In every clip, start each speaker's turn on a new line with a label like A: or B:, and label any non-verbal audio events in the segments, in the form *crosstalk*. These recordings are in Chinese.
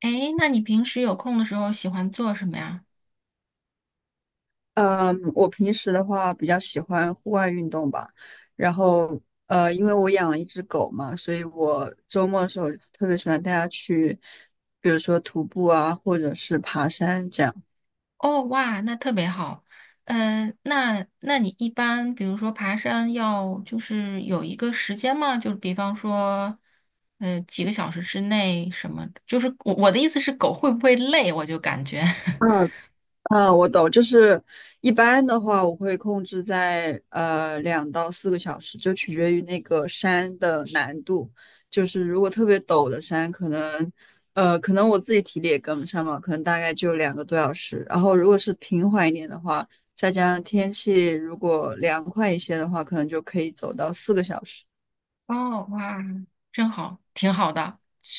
A: 诶，那你平时有空的时候喜欢做什么呀？
B: 嗯，我平时的话比较喜欢户外运动吧，然后因为我养了一只狗嘛，所以我周末的时候特别喜欢带它去，比如说徒步啊，或者是爬山这样。
A: 哦，哇，那特别好。那你一般比如说爬山要就是有一个时间吗？就比方说，几个小时之内什么？就是我的意思是，狗会不会累？我就感觉，
B: 嗯，嗯，我懂，就是一般的话，我会控制在2到4个小时，就取决于那个山的难度。就是如果特别陡的山，可能我自己体力也跟不上嘛，可能大概就2个多小时。然后如果是平缓一点的话，再加上天气如果凉快一些的话，可能就可以走到四个小时。
A: *laughs* 哦，哇，真好，挺好的。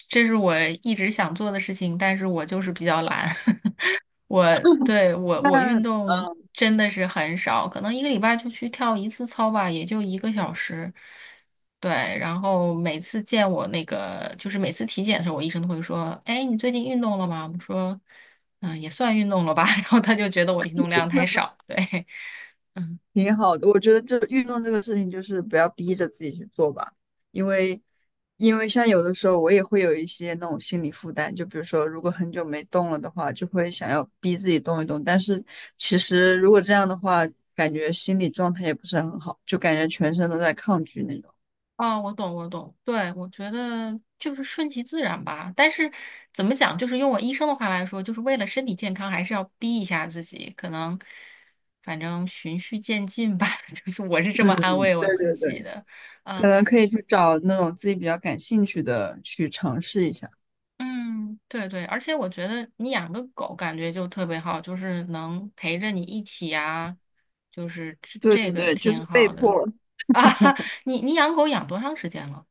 A: 这是我一直想做的事情，但是我就是比较懒。*laughs* 我，对，我
B: 那
A: 我运
B: 嗯
A: 动真的是很少，可能1个礼拜就去跳一次操吧，也就1个小时。对，然后每次见我那个，就是每次体检的时候，我医生都会说：“哎，你最近运动了吗？”我说：“嗯，也算运动了吧。*laughs*” 然后他就觉得我运动量太
B: 那
A: 少。对，*laughs*
B: 挺好的，我觉得这运动这个事情就是不要逼着自己去做吧，因为因为像有的时候我也会有一些那种心理负担，就比如说如果很久没动了的话，就会想要逼自己动一动，但是其实如果这样的话，感觉心理状态也不是很好，就感觉全身都在抗拒那种。
A: 哦，我懂，我懂。对，我觉得就是顺其自然吧。但是怎么讲，就是用我医生的话来说，就是为了身体健康，还是要逼一下自己。可能，反正循序渐进吧。*laughs* 就是我是这么
B: 嗯，
A: 安慰我
B: 对
A: 自
B: 对
A: 己
B: 对，
A: 的。啊，
B: 可能可以去找那种自己比较感兴趣的去尝试一下。
A: 嗯，对对。而且我觉得你养个狗感觉就特别好，就是能陪着你一起啊，就是这
B: 对对
A: 这个
B: 对，就
A: 挺
B: 是被
A: 好的。
B: 迫。
A: *laughs* 你养狗养多长时间了？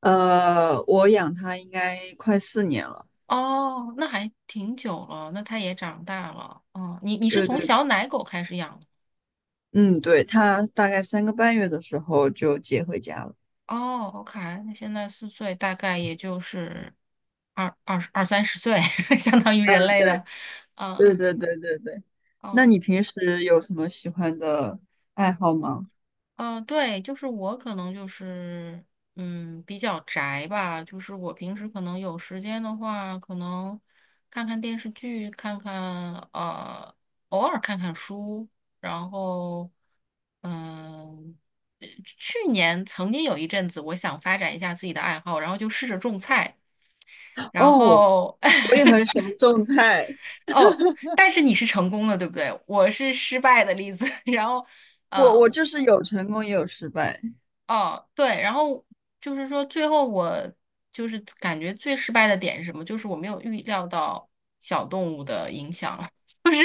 B: 呃，我养它应该快4年了。
A: 哦，那还挺久了，那它也长大了。哦，你是
B: 对
A: 从
B: 对
A: 小奶狗开始养的？
B: 嗯，对，他大概3个半月的时候就接回家了。
A: 哦，OK，那现在4岁，大概也就是二二二30岁，*laughs* 相当于人
B: 嗯，
A: 类
B: 对，
A: 的。嗯，
B: 对对对对对。那
A: 哦。
B: 你平时有什么喜欢的爱好吗？
A: 嗯，对，就是我可能就是，嗯，比较宅吧。就是我平时可能有时间的话，可能看看电视剧，看看偶尔看看书。然后，嗯、去年曾经有一阵子，我想发展一下自己的爱好，然后就试着种菜。然
B: 哦，
A: 后，
B: 我也很
A: *laughs*
B: 喜欢种菜。
A: 哦，但是你是成功的，对不对？我是失败的例子。*laughs* 然后。
B: 我
A: 呃
B: 我就是有成功也有失败。
A: 哦，对，然后就是说，最后我就是感觉最失败的点是什么？就是我没有预料到小动物的影响，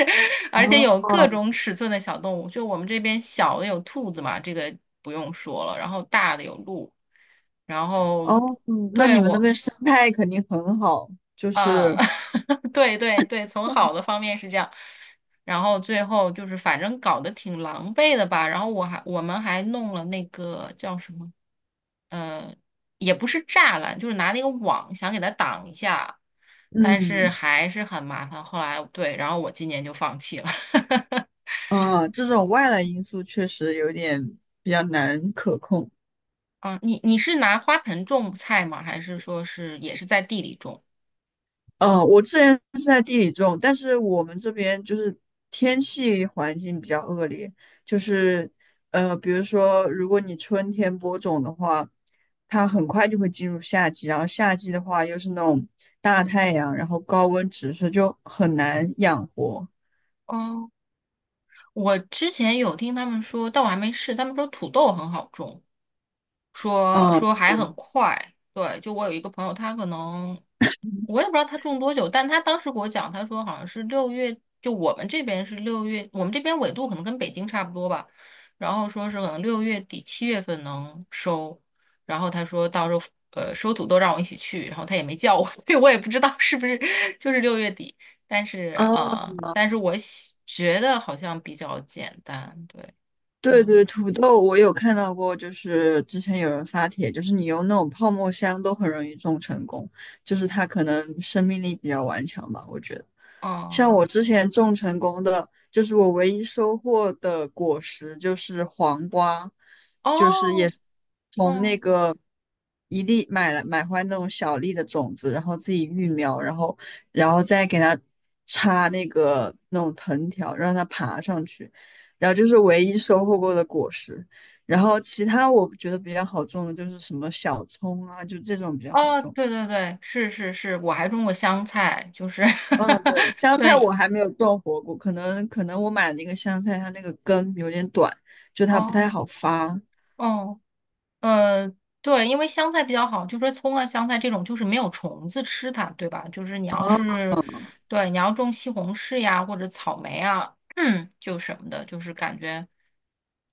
A: *laughs* 而且有
B: 哦
A: 各种尺寸的小动物。就我们这边小的有兔子嘛，这个不用说了，然后大的有鹿，然后
B: 哦，嗯那
A: 对
B: 你们那
A: 我。
B: 边生态肯定很好，就
A: 呃，
B: 是
A: *laughs* 对对对，从好的方面是这样，然后最后就是反正搞得挺狼狈的吧，然后我们还弄了那个叫什么，呃，也不是栅栏，就是拿那个网想给它挡一下，但是
B: 嗯
A: 还是很麻烦。后来对，然后我今年就放弃了。*laughs*
B: 啊，这种外来因素确实有点比较难可控。
A: 嗯，你是拿花盆种菜吗？还是说是也是在地里种？
B: 嗯，我之前是在地里种，但是我们这边就是天气环境比较恶劣，就是比如说如果你春天播种的话，它很快就会进入夏季，然后夏季的话又是那种大太阳，然后高温直射，就很难养活。
A: 哦，我之前有听他们说，但我还没试。他们说土豆很好种，说
B: 嗯，
A: 说还
B: 对。
A: 很快。对，就我有一个朋友，他可能我也不知道他种多久，但他当时给我讲，他说好像是六月，就我们这边是六月，我们这边纬度可能跟北京差不多吧。然后说是可能六月底7月份能收，然后他说到时候收土豆让我一起去，然后他也没叫我，*laughs* 所以我也不知道是不是就是六月底。但是
B: 哦，
A: 啊、呃但是我觉得好像比较简单，对，
B: 对
A: 嗯，
B: 对，土豆我有看到过，就是之前有人发帖，就是你用那种泡沫箱都很容易种成功，就是它可能生命力比较顽强吧，我觉得。像
A: 哦
B: 我之前种成功的，就是我唯一收获的果实就是黄瓜，就是也
A: 哦，
B: 是从那
A: 嗯。
B: 个一粒买回来那种小粒的种子，然后自己育苗，然后再给它插那种藤条，让它爬上去。然后就是唯一收获过的果实。然后其他我觉得比较好种的就是什么小葱啊，就这种比较好
A: 哦，
B: 种。
A: 对对对，是是是，我还种过香菜，就是
B: 嗯，
A: *laughs*
B: 对，香菜
A: 对，
B: 我还没有种活过，可能我买那个香菜，它那个根有点短，就它不太
A: 哦
B: 好发。
A: 哦，呃，对，因为香菜比较好，就说葱啊、香菜这种就是没有虫子吃它，对吧？就是你要
B: 哦，
A: 是对，你要种西红柿呀或者草莓啊，*clears throat* 嗯，就什么的，就是感觉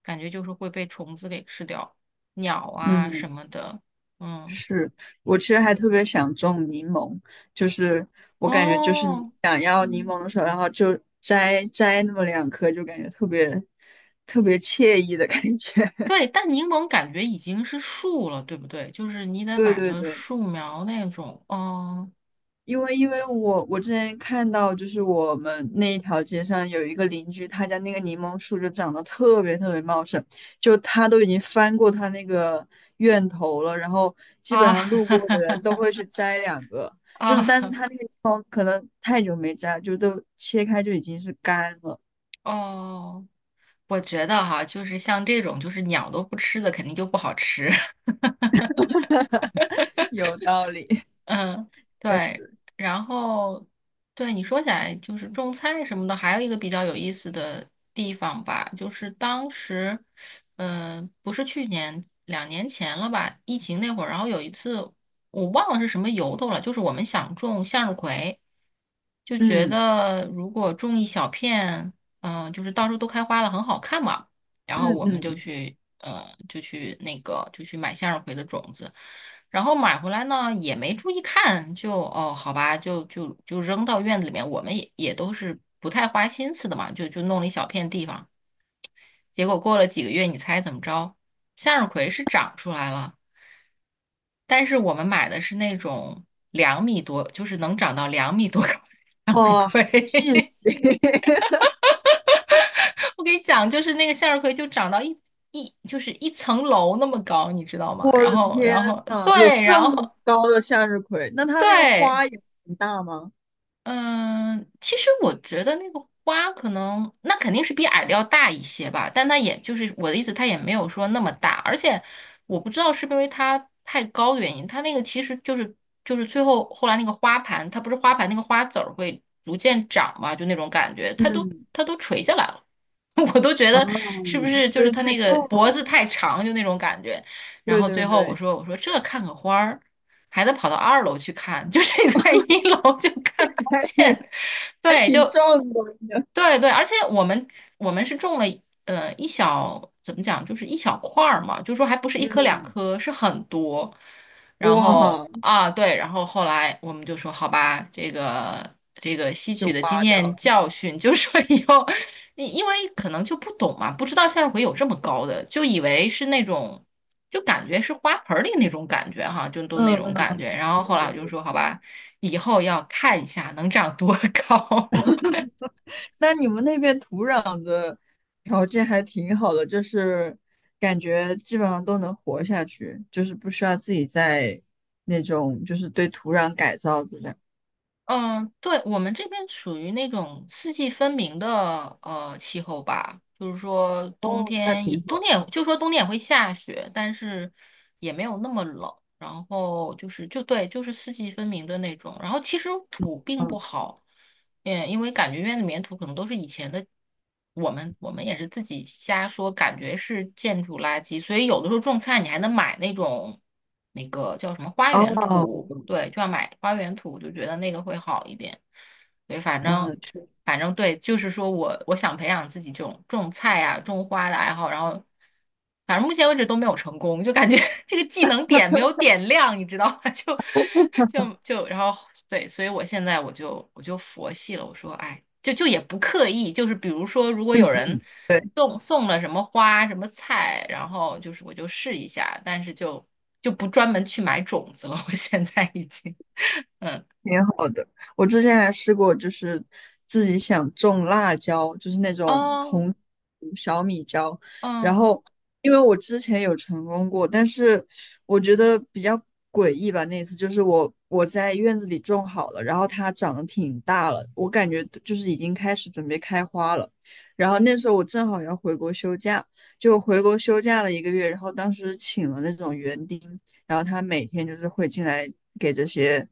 A: 感觉就是会被虫子给吃掉，鸟啊
B: 嗯，
A: 什么的，嗯，
B: 是我其实还特别想种柠檬，就是我感觉就是你
A: 哦，
B: 想要柠
A: 嗯。
B: 檬的时候，然后就摘摘那么两颗，就感觉特别特别惬意的感觉。*laughs*
A: 对，但柠檬感觉已经是树了，对不对？就是你得
B: 对
A: 买
B: 对
A: 个
B: 对，
A: 树苗那种。哦
B: 因为因为我我之前看到，就是我们那一条街上有一个邻居，他家那个柠檬树就长得特别特别茂盛，就他都已经翻过他那个院头了，然后基本
A: 啊
B: 上路过的人
A: *laughs*
B: 都会去摘两个，就是
A: 啊
B: 但是他那个地方可能太久没摘，就都切开就已经是干了，
A: 哦，我觉得哈，就是像这种就是鸟都不吃的，肯定就不好吃。
B: *laughs* 有道理，
A: 嗯，
B: 确
A: 对，
B: 实，
A: 然后对你说起来就是种菜什么的，还有一个比较有意思的地方吧，就是当时，嗯，不是去年，2年前了吧，疫情那会儿，然后有一次我忘了是什么由头了，就是我们想种向日葵，就觉
B: 嗯
A: 得如果种一小片，就是到时候都开花了，很好看嘛。然后
B: 嗯
A: 我们
B: 嗯
A: 就
B: 嗯，
A: 去呃就去那个就去买向日葵的种子，然后买回来呢也没注意看，就哦好吧，就扔到院子里面，我们也都是不太花心思的嘛，就弄了一小片地方，结果过了几个月，你猜怎么着？向日葵是长出来了，但是我们买的是那种两米多，就是能长到两米多高的向日
B: 哦，*laughs*
A: 葵。*laughs*
B: 谢。
A: 我给你讲，就是那个向日葵就长到就是一层楼那么高，你知道吗？
B: 我
A: 然
B: 的
A: 后，
B: 天
A: 然后
B: 呐，有
A: 对，
B: 这
A: 然
B: 么
A: 后
B: 高的向日葵，那它那个
A: 对，
B: 花也很大吗？
A: 嗯，其实我觉得那个花可能，那肯定是比矮的要大一些吧，但它也就是我的意思，它也没有说那么大，而且我不知道是不是因为它太高的原因，它那个其实就是后来那个花盘，它不是花盘那个花籽儿会逐渐长嘛，就那种感觉，它都
B: 嗯，
A: 它都垂下来了，*laughs* 我都觉
B: 啊，
A: 得是不是就
B: 就
A: 是
B: 是
A: 它
B: 太
A: 那个
B: 重
A: 脖
B: 了。
A: 子太长，就那种感觉，然
B: 对
A: 后
B: 对
A: 最后我
B: 对，
A: 说我说这看个花儿。还得跑到2楼去看，*laughs* 就是你在1楼就看不
B: 还挺
A: 见。
B: 还
A: 对，就
B: 挺壮观的。
A: 对对，而且我们是种了呃一小怎么讲，就是一小块儿嘛，就是说还不是一颗两
B: 嗯，
A: 颗，是很多。然后
B: 哇，
A: 啊，对，然后后来我们就说，好吧，这个吸
B: 就
A: 取的经
B: 挖掉
A: 验
B: 了。
A: 教训，就是说以后，因为可能就不懂嘛，不知道向日葵有这么高的，就以为是那种。就感觉是花盆儿里那种感觉哈，就都
B: 嗯
A: 那种感
B: 嗯，
A: 觉。然后
B: 对
A: 后来
B: 对
A: 我就
B: 对。
A: 说，好吧，以后要看一下能长多高。*laughs*
B: 那你们那边土壤的条件还挺好的，就是感觉基本上都能活下去，就是不需要自己在那种就是对土壤改造这样。
A: 嗯，对，我们这边属于那种四季分明的气候吧，就是说
B: 哦，那挺好
A: 冬天也会下雪，但是也没有那么冷。然后就是就对，就是四季分明的那种。然后其实土并不
B: 的。
A: 好。嗯，因为感觉院子里面土可能都是以前的，我们也是自己瞎说，感觉是建筑垃圾，所以有的时候种菜你还能买那种那个叫什么花园
B: 哦，
A: 土，对，就要买花园土，就觉得那个会好一点。对，反正。
B: 嗯，是，
A: 反正对，就是说我想培养自己这种种菜啊、种花的爱好，然后反正目前为止都没有成功，就感觉 *laughs* 这个技能点没有点亮，你知道吗？*laughs* 就然后对，所以我现在我就佛系了，我说哎，就也不刻意，就是比如说如果有
B: 嗯
A: 人
B: 嗯，对
A: 送了什么花、什么菜，然后就是我就试一下，但是就不专门去买种子了，我现在已经。
B: 挺好的。我之前还试过，就是自己想种辣椒，就是那种
A: 哦，
B: 红小米椒。然
A: 嗯
B: 后，因为我之前有成功过，但是我觉得比较诡异吧。那次就是我在院子里种好了，然后它长得挺大了，我感觉就是已经开始准备开花了。然后那时候我正好要回国休假，就回国休假了一个月，然后当时请了那种园丁，然后他每天就是会进来给这些。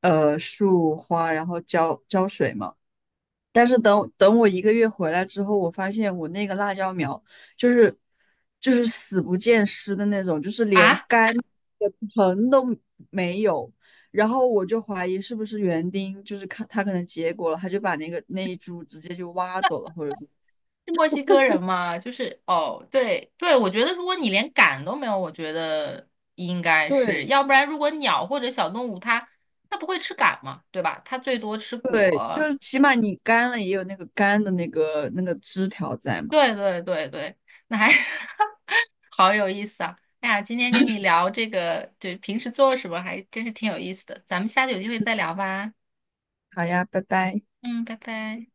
B: 树花，然后浇浇水嘛。但是等我一个月回来之后，我发现我那个辣椒苗就是就是死不见尸的那种，就是连
A: 啊，
B: 干的藤都没有。然后我就怀疑是不是园丁，就是看他可能结果了，他就把那个那一株直接就挖走了，或者怎么？
A: 是墨西哥人吗？就是哦，对对，我觉得如果你连赶都没有，我觉得应该是，
B: 对
A: 要不然如果鸟或者小动物它不会吃赶嘛，对吧？它最多吃
B: 对，就
A: 果。
B: 是起码你干了也有那个干的那个那个枝条在嘛。
A: 对对对对，那还 *laughs* 好有意思啊！哎呀，今天跟你聊这个，对，平时做什么还真是挺有意思的，咱们下次有机会再聊吧。
B: 好呀，拜拜。
A: 嗯，拜拜。